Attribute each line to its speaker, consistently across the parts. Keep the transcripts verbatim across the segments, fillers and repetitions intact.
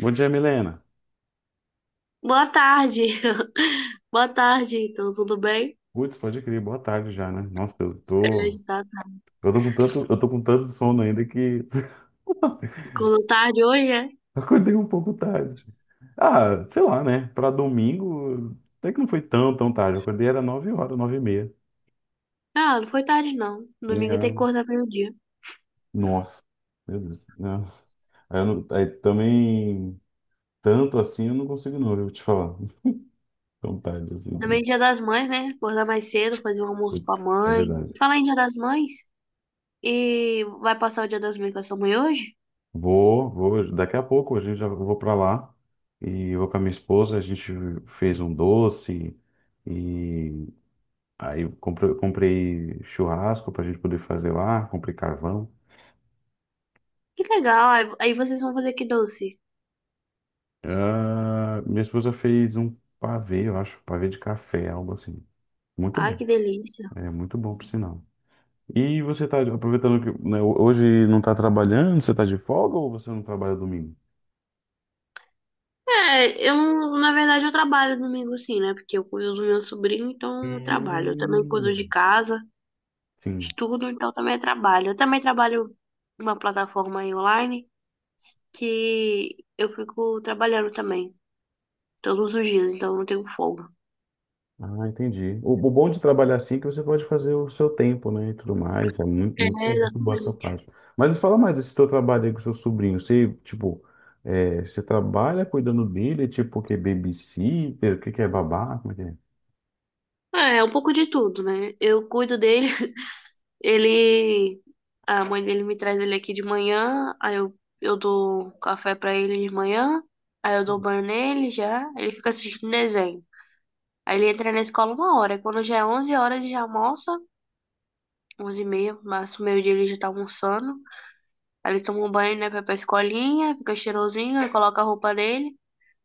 Speaker 1: Bom dia, Milena.
Speaker 2: Boa tarde. Boa tarde, então, tudo bem?
Speaker 1: Putz, pode crer, boa tarde já, né? Nossa, eu
Speaker 2: É,
Speaker 1: tô,
Speaker 2: tá, tá.
Speaker 1: eu tô com tanto, eu tô com tanto sono ainda que
Speaker 2: Acordou tarde hoje, é?
Speaker 1: acordei um pouco tarde. Ah, sei lá, né? Pra domingo, até que não foi tão, tão tarde. Eu acordei era nove horas, nove e meia.
Speaker 2: Ah, não foi tarde, não.
Speaker 1: E,
Speaker 2: Domingo tem que
Speaker 1: ah,
Speaker 2: acordar meio-dia.
Speaker 1: Nossa, meu Deus, né? Aí, eu não- aí também, tanto assim eu não consigo não, eu vou te falar. Tão tarde assim.
Speaker 2: Também dia das mães, né? Acordar mais cedo, fazer um almoço pra
Speaker 1: Putz, é
Speaker 2: mãe.
Speaker 1: verdade.
Speaker 2: Falar em dia das mães, e vai passar o dia das mães com a sua mãe hoje?
Speaker 1: Vou, vou. Daqui a pouco a gente já eu vou para lá e vou com a minha esposa. A gente fez um doce e aí comprei, comprei churrasco para a gente poder fazer lá. Comprei carvão.
Speaker 2: Que legal, aí aí vocês vão fazer que doce.
Speaker 1: Ah, minha esposa fez um pavê, eu acho, pavê de café, algo assim. Muito
Speaker 2: Ai,
Speaker 1: bom.
Speaker 2: que delícia.
Speaker 1: É muito bom, por sinal. E você tá aproveitando que, né, hoje não tá trabalhando? Você tá de folga ou você não trabalha domingo?
Speaker 2: É, eu, não- na verdade, eu trabalho domingo sim, né? Porque eu cuido do meu sobrinho, então eu trabalho. Eu também
Speaker 1: Hum,
Speaker 2: cuido de casa.
Speaker 1: sim.
Speaker 2: Estudo, então também é trabalho. Eu também trabalho numa plataforma aí online que eu fico trabalhando também, todos os dias, então eu não tenho folga.
Speaker 1: Ah, entendi. O, o bom de trabalhar assim é que você pode fazer o seu tempo, né, e tudo mais. É muito,
Speaker 2: É,
Speaker 1: muito, muito boa essa
Speaker 2: exatamente.
Speaker 1: parte. Mas me fala mais desse teu trabalho aí com o seu sobrinho. Você, tipo, é, você trabalha cuidando dele, tipo, o que é babysitter, o que que é babá, como é que é?
Speaker 2: É, é um pouco de tudo, né? Eu cuido dele, ele. A mãe dele me traz ele aqui de manhã, aí eu, eu dou café pra ele de manhã, aí eu dou banho nele já, ele fica assistindo desenho. Aí ele entra na escola uma hora, aí quando já é onze horas ele já almoça, onze e meia, máximo meio-dia ele já tá almoçando. Aí ele toma um banho, né, pra ir pra escolinha, fica cheirosinho, aí coloca a roupa dele.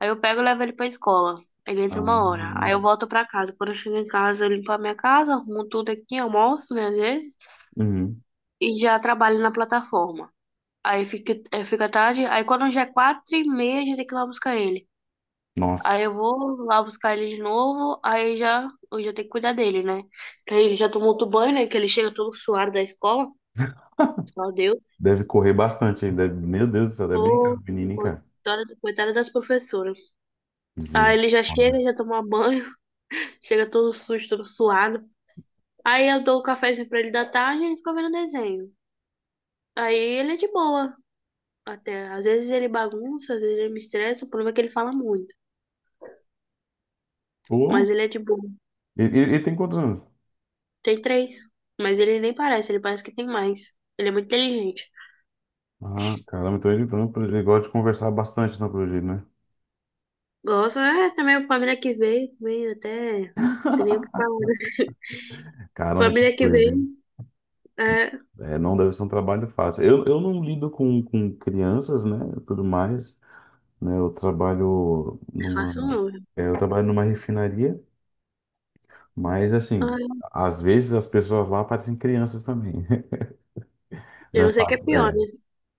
Speaker 2: Aí eu pego e levo ele pra escola. Ele
Speaker 1: Ah,
Speaker 2: entra uma hora. Aí eu volto pra casa. Quando eu chego em casa, eu limpo a minha casa, arrumo tudo aqui, almoço, né, às vezes,
Speaker 1: uhum.
Speaker 2: e já trabalho na plataforma. Aí fica, é, fica tarde. Aí quando já é quatro e meia, já tem que ir lá buscar ele.
Speaker 1: Nossa,
Speaker 2: Aí eu vou lá buscar ele de novo, aí já, eu já tenho que cuidar dele, né? Aí ele já tomou outro banho, né, que ele chega todo suado da escola. Meu Deus,
Speaker 1: deve correr bastante aí. Deve, meu Deus do céu, deve brincar,
Speaker 2: pô,
Speaker 1: menino, hein, cara.
Speaker 2: coitada coitada das professoras. Aí ele já
Speaker 1: Misericórdia.
Speaker 2: chega, já toma um banho, chega todo sujo, todo suado. Aí eu dou o cafezinho pra ele da tarde e ele fica vendo desenho. Aí ele é de boa, até. Às vezes ele bagunça, às vezes ele me estressa, o problema é que ele fala muito.
Speaker 1: Pô,
Speaker 2: Mas ele é de boa.
Speaker 1: e, e- e tem quantos anos?
Speaker 2: Tem três. Mas ele nem parece, ele parece que tem mais. Ele é muito inteligente.
Speaker 1: Ah, caramba, então ele, então ele gosta de conversar bastante, não, pelo jeito, né?
Speaker 2: Gosto, é, também a família que veio, também até. Não, tem nem o que falar.
Speaker 1: Caramba, que
Speaker 2: Família que
Speaker 1: coisa, hein?
Speaker 2: veem, é, não
Speaker 1: É, não deve ser um trabalho fácil. Eu, eu não lido com, com crianças, né, tudo mais, né, eu trabalho
Speaker 2: é fácil
Speaker 1: numa,
Speaker 2: não.
Speaker 1: é, eu trabalho numa refinaria, mas, assim,
Speaker 2: Ai,
Speaker 1: às vezes as pessoas lá parecem crianças também, não
Speaker 2: eu
Speaker 1: é
Speaker 2: não sei o que é
Speaker 1: fácil,
Speaker 2: pior,
Speaker 1: é,
Speaker 2: né?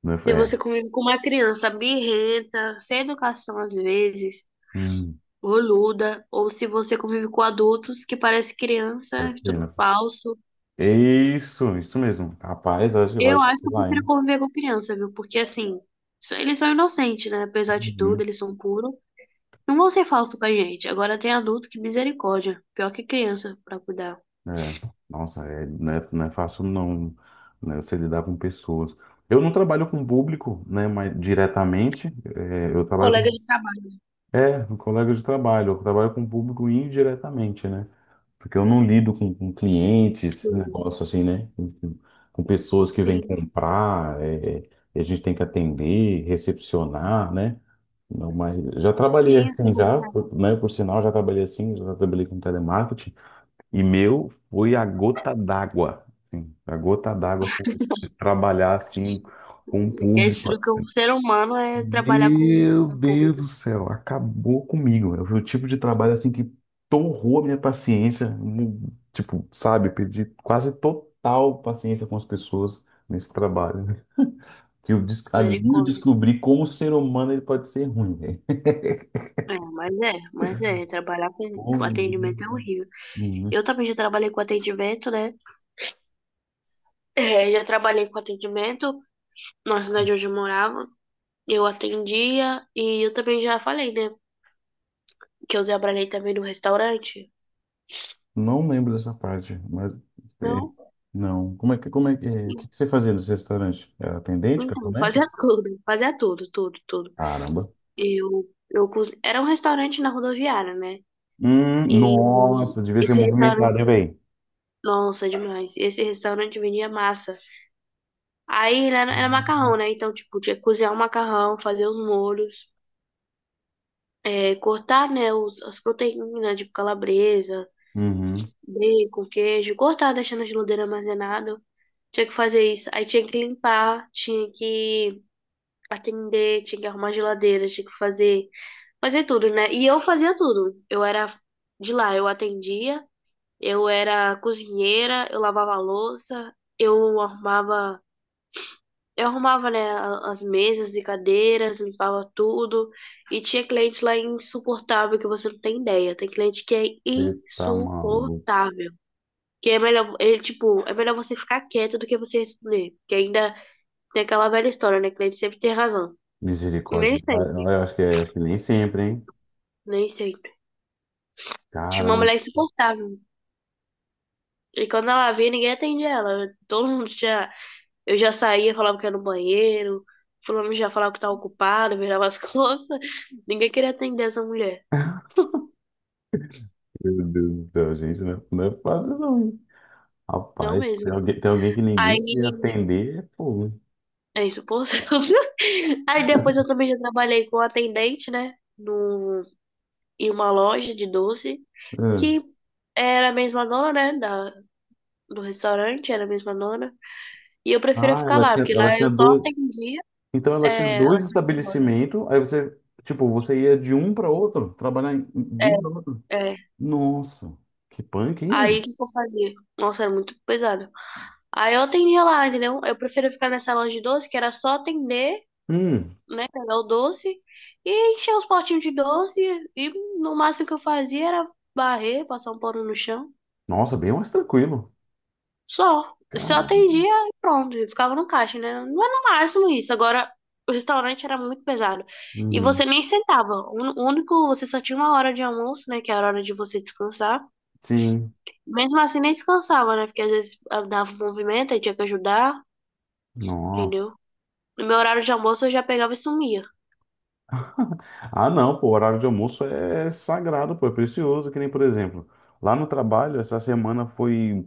Speaker 1: não é,
Speaker 2: Se
Speaker 1: é,
Speaker 2: você convive com uma criança birrenta, sem educação às vezes,
Speaker 1: hum,
Speaker 2: boluda, ou se você convive com adultos que parece criança,
Speaker 1: parece
Speaker 2: tudo
Speaker 1: criança.
Speaker 2: falso.
Speaker 1: Isso, isso mesmo. Rapaz, eu acho que vai
Speaker 2: Eu acho que eu
Speaker 1: lá,
Speaker 2: prefiro
Speaker 1: hein.
Speaker 2: conviver com criança, viu? Porque assim, só- eles são inocentes, né? Apesar de tudo,
Speaker 1: Uhum.
Speaker 2: eles são puros. Não vão ser falsos com a gente. Agora tem adulto que misericórdia. Pior que criança pra cuidar.
Speaker 1: É, nossa, é, não é, não é fácil não, né, você lidar com pessoas. Eu não trabalho com público, né, mas diretamente, é, eu trabalho
Speaker 2: Colega de trabalho.
Speaker 1: É, um colega de trabalho. Eu trabalho com o público indiretamente, né? Porque eu não lido com, com clientes, esses
Speaker 2: Tudo.
Speaker 1: negócios assim, né? Com, com- com pessoas que vêm
Speaker 2: Sim,
Speaker 1: comprar, é, é, e a gente tem que atender, recepcionar, né? Não, mas já trabalhei
Speaker 2: sim, assim
Speaker 1: assim,
Speaker 2: como
Speaker 1: já,
Speaker 2: certo.
Speaker 1: por- né? Por sinal, já trabalhei assim, já trabalhei com telemarketing. E meu foi a gota d'água, assim, a gota d'água, assim, de trabalhar assim com o
Speaker 2: Que é
Speaker 1: público.
Speaker 2: destruir um ser humano é trabalhar com
Speaker 1: Meu
Speaker 2: com o público.
Speaker 1: Deus do céu, acabou comigo. Eu fui o tipo de trabalho assim que torrou a minha paciência, mu- tipo, sabe, eu perdi quase total paciência com as pessoas nesse trabalho, né? Que eu des- ali eu
Speaker 2: Misericórdia.
Speaker 1: descobri como o ser humano ele pode ser ruim, velho.
Speaker 2: É, mas é, mas é, trabalhar com com
Speaker 1: Como-
Speaker 2: atendimento é horrível.
Speaker 1: Uhum.
Speaker 2: Eu também já trabalhei com atendimento, né? É, já trabalhei com atendimento na cidade onde eu morava. Eu atendia e eu também já falei, né? Que eu trabalhei também no restaurante.
Speaker 1: Não lembro dessa parte, mas é,
Speaker 2: Não,
Speaker 1: não. Como é que como é que é, o que que você fazia nesse restaurante? Era atendente,
Speaker 2: então,
Speaker 1: garçomete?
Speaker 2: fazia tudo, fazia tudo, tudo, tudo.
Speaker 1: Caramba.
Speaker 2: Eu, eu, cons- era um restaurante na rodoviária, né?
Speaker 1: Hum,
Speaker 2: E
Speaker 1: nossa, devia ser
Speaker 2: esse restaurante,
Speaker 1: movimentado, hein, velho?
Speaker 2: nossa, demais. Esse restaurante vendia massa. Aí era, era macarrão, né? Então, tipo, tinha que cozinhar o macarrão, fazer os molhos, é, cortar, né, os, as proteínas, tipo calabresa,
Speaker 1: Uhum.
Speaker 2: bacon, queijo, cortar, deixando na geladeira armazenado. Tinha que fazer isso. Aí tinha que limpar, tinha que atender, tinha que arrumar a geladeira, tinha que fazer, fazer tudo, né? E eu fazia tudo. Eu era de lá, eu atendia, eu era cozinheira, eu lavava a louça, eu arrumava Eu arrumava, né, a- as mesas e cadeiras, limpava tudo. E tinha cliente lá insuportável que você não tem ideia. Tem cliente que é
Speaker 1: Você tá maluco.
Speaker 2: insuportável. Que é melhor, ele, tipo, é melhor você ficar quieto do que você responder. Que ainda tem aquela velha história, né? Cliente sempre tem razão. E nem
Speaker 1: Misericórdia. Ah,
Speaker 2: sempre,
Speaker 1: eu acho que é, acho que nem sempre, hein?
Speaker 2: nem sempre. Tinha uma
Speaker 1: Caramba,
Speaker 2: mulher insuportável. E quando ela vinha ninguém atendia ela. Todo mundo já. Eu já saía, falava que era no banheiro. Fulano já falava que tava ocupado, virava as costas. Ninguém queria atender essa mulher.
Speaker 1: meu Deus do céu, gente, não é, não é fácil não, hein?
Speaker 2: Não
Speaker 1: Rapaz,
Speaker 2: mesmo.
Speaker 1: tem alguém, tem alguém que ninguém ia
Speaker 2: Aí,
Speaker 1: atender, é fogo.
Speaker 2: é isso, por Aí depois eu também já trabalhei com atendente, né? Num, em uma loja de doce,
Speaker 1: Ah,
Speaker 2: que era a mesma dona, né? Da, do restaurante, era a mesma dona. E eu preferia
Speaker 1: Ah,
Speaker 2: ficar
Speaker 1: ela
Speaker 2: lá,
Speaker 1: tinha,
Speaker 2: porque
Speaker 1: ela
Speaker 2: lá eu
Speaker 1: tinha
Speaker 2: só
Speaker 1: dois.
Speaker 2: atendia,
Speaker 1: Então ela tinha
Speaker 2: é, ela
Speaker 1: dois
Speaker 2: tinha uma loja.
Speaker 1: estabelecimentos, aí você, tipo, você ia de um para outro, trabalhar em- de um para outro.
Speaker 2: É.
Speaker 1: Nossa, que punk, hein,
Speaker 2: Aí o
Speaker 1: velho?
Speaker 2: que que eu fazia? Nossa, era muito pesado. Aí eu atendia lá, entendeu? Eu preferia ficar nessa loja de doce, que era só atender,
Speaker 1: Hum,
Speaker 2: né? Pegar o doce e encher os potinhos de doce. E no máximo que eu fazia era barrer, passar um pano no chão.
Speaker 1: nossa, bem mais tranquilo.
Speaker 2: Só. Só
Speaker 1: Caramba.
Speaker 2: atendia e pronto. E ficava no caixa, né? Não era no máximo isso. Agora, o restaurante era muito pesado. E
Speaker 1: Uhum.
Speaker 2: você nem sentava. O único, você só tinha uma hora de almoço, né? Que era a hora de você descansar.
Speaker 1: Sim,
Speaker 2: Mesmo assim, nem descansava, né? Porque às vezes ah, dava um movimento, aí tinha que ajudar,
Speaker 1: nossa.
Speaker 2: entendeu? No meu horário de almoço eu já pegava e sumia.
Speaker 1: Ah, não, pô, o horário de almoço é sagrado, pô, é precioso, que nem, por exemplo, lá no trabalho, essa semana foi,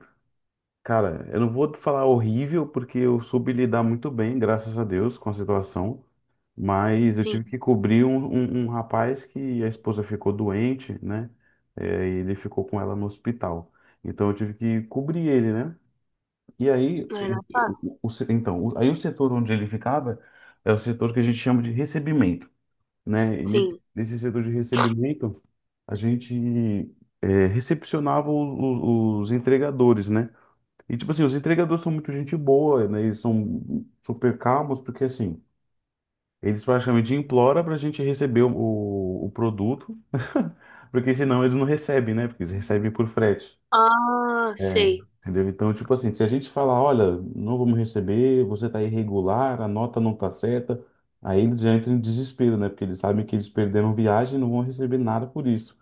Speaker 1: cara, eu não vou falar horrível, porque eu soube lidar muito bem, graças a Deus, com a situação, mas eu
Speaker 2: Sim,
Speaker 1: tive que cobrir um, um, um rapaz que a esposa ficou doente, né, é, e ele ficou com ela no hospital, então eu tive que cobrir ele, né, e aí,
Speaker 2: não
Speaker 1: o,
Speaker 2: era fácil?
Speaker 1: o- o- se- então, o- aí o setor onde ele ficava é o setor que a gente chama de recebimento, né? E ne-
Speaker 2: Sim.
Speaker 1: nesse setor de recebimento, a gente é, recepcionava o- o- os entregadores, né? E, tipo assim, os entregadores são muito gente boa, né? Eles são super calmos, porque, assim, eles praticamente imploram para a gente receber o, o, o produto, porque senão eles não recebem, né? Porque eles recebem por frete.
Speaker 2: Ah,
Speaker 1: É,
Speaker 2: sei.
Speaker 1: entendeu? Então, tipo assim, se a gente falar, olha, não vamos receber, você tá irregular, a nota não tá certa, aí eles já entram em desespero, né? Porque eles sabem que eles perderam viagem e não vão receber nada por isso.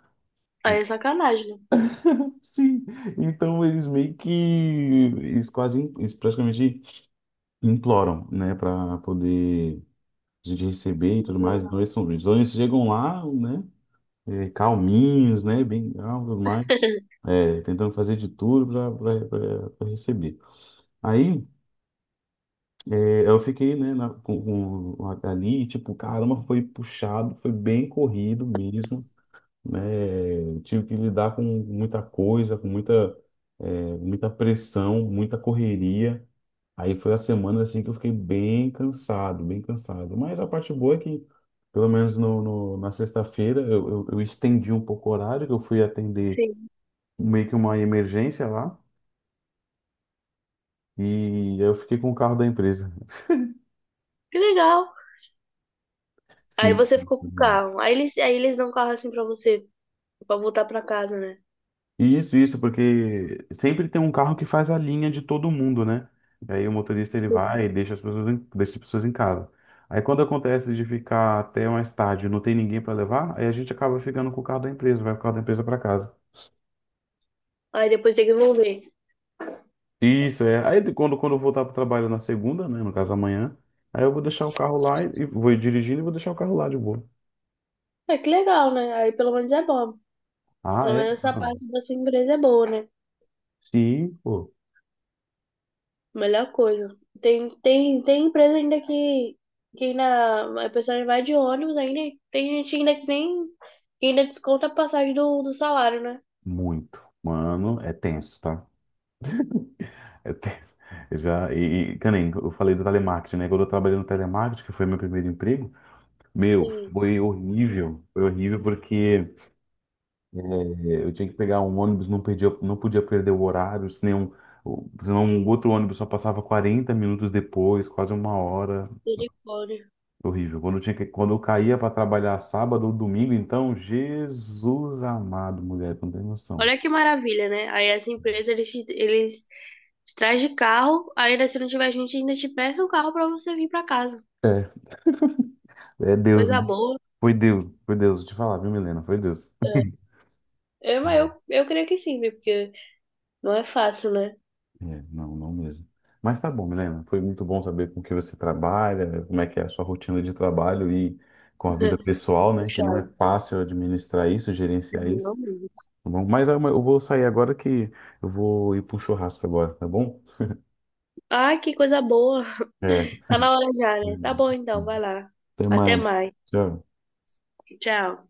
Speaker 2: Aí
Speaker 1: Então,
Speaker 2: é sacanagem, né?
Speaker 1: sim, então eles meio que, eles quase, eles praticamente imploram, né, para poder a gente receber e tudo mais. Então eles, são, então eles chegam lá, né, eh, calminhos, né, bem calmos, tudo mais, é, tentando fazer de tudo para receber. Aí É, Eu fiquei, né, na- com, com- ali, tipo, caramba, foi puxado, foi bem corrido mesmo, né? Tive que lidar com muita coisa, com muita, é, muita pressão, muita correria. Aí foi a semana, assim, que eu fiquei bem cansado, bem cansado. Mas a parte boa é que, pelo menos no, no- na sexta-feira, eu, eu, eu estendi um pouco o horário, que eu fui atender
Speaker 2: Sim.
Speaker 1: meio que uma emergência lá, e eu fiquei com o carro da empresa.
Speaker 2: Que legal. Aí
Speaker 1: Sim.
Speaker 2: você ficou com o carro. Aí eles, aí eles dão o carro assim pra você, pra voltar pra casa, né?
Speaker 1: Isso, isso, porque sempre tem um carro que faz a linha de todo mundo, né? E aí o motorista ele
Speaker 2: Sim.
Speaker 1: vai e deixa as pessoas em, deixa as pessoas em casa. Aí quando acontece de ficar até mais tarde, e não tem ninguém para levar, aí a gente acaba ficando com o carro da empresa, vai com o carro da empresa para casa.
Speaker 2: Aí depois tem que devolver.
Speaker 1: Isso, é. Aí de- quando, quando eu voltar para o trabalho na segunda, né, no caso amanhã, aí eu vou deixar o carro lá e e vou dirigindo e vou deixar o carro lá de boa.
Speaker 2: É que legal, né? Aí pelo menos é bom.
Speaker 1: Ah,
Speaker 2: Pelo
Speaker 1: é?
Speaker 2: menos essa
Speaker 1: Mano.
Speaker 2: parte da sua empresa é boa, né?
Speaker 1: Sim, pô,
Speaker 2: Melhor coisa. Tem, tem, tem empresa ainda que, que ainda a pessoa vai de ônibus, ainda tem gente ainda que nem que ainda desconta a passagem do, do salário, né?
Speaker 1: muito. Mano, é tenso, tá? Eu tenho- eu já, e, e, que nem eu falei do telemarketing, né? Quando eu trabalhei no telemarketing, que foi meu primeiro emprego, meu,
Speaker 2: Sim,
Speaker 1: foi horrível. Foi horrível porque eh, eu tinha que pegar um ônibus, não perdia, não podia perder o horário, senão, o- senão um outro ônibus só passava quarenta minutos depois, quase uma hora.
Speaker 2: misericórdia.
Speaker 1: Horrível. Quando eu tinha que, quando eu caía para trabalhar sábado ou domingo, então, Jesus amado, mulher, tu não tem noção.
Speaker 2: Olha que maravilha, né? Aí essa empresa, eles, te- eles te traz de carro, ainda se não tiver gente, ainda te presta um carro pra você vir pra casa.
Speaker 1: É, é Deus,
Speaker 2: Coisa
Speaker 1: né?
Speaker 2: boa.
Speaker 1: Foi Deus, foi Deus, vou te falar, viu, Milena? Foi Deus.
Speaker 2: É, É, mas eu, eu creio que sim, viu? Porque não é fácil, né?
Speaker 1: É, não, não mesmo. Mas tá bom, Milena. Foi muito bom saber com o que você trabalha, como é que é a sua rotina de trabalho e com a vida pessoal, né? Que não
Speaker 2: Puxado.
Speaker 1: é fácil administrar isso, gerenciar isso.
Speaker 2: Não mesmo.
Speaker 1: Tá bom? Mas ah, mas eu vou sair agora que eu vou ir para um churrasco agora, tá bom?
Speaker 2: Ai, que coisa boa.
Speaker 1: É.
Speaker 2: Tá na hora já, né? Tá bom então, vai lá.
Speaker 1: Até
Speaker 2: Até
Speaker 1: mais.
Speaker 2: mais.
Speaker 1: Tchau.
Speaker 2: Tchau.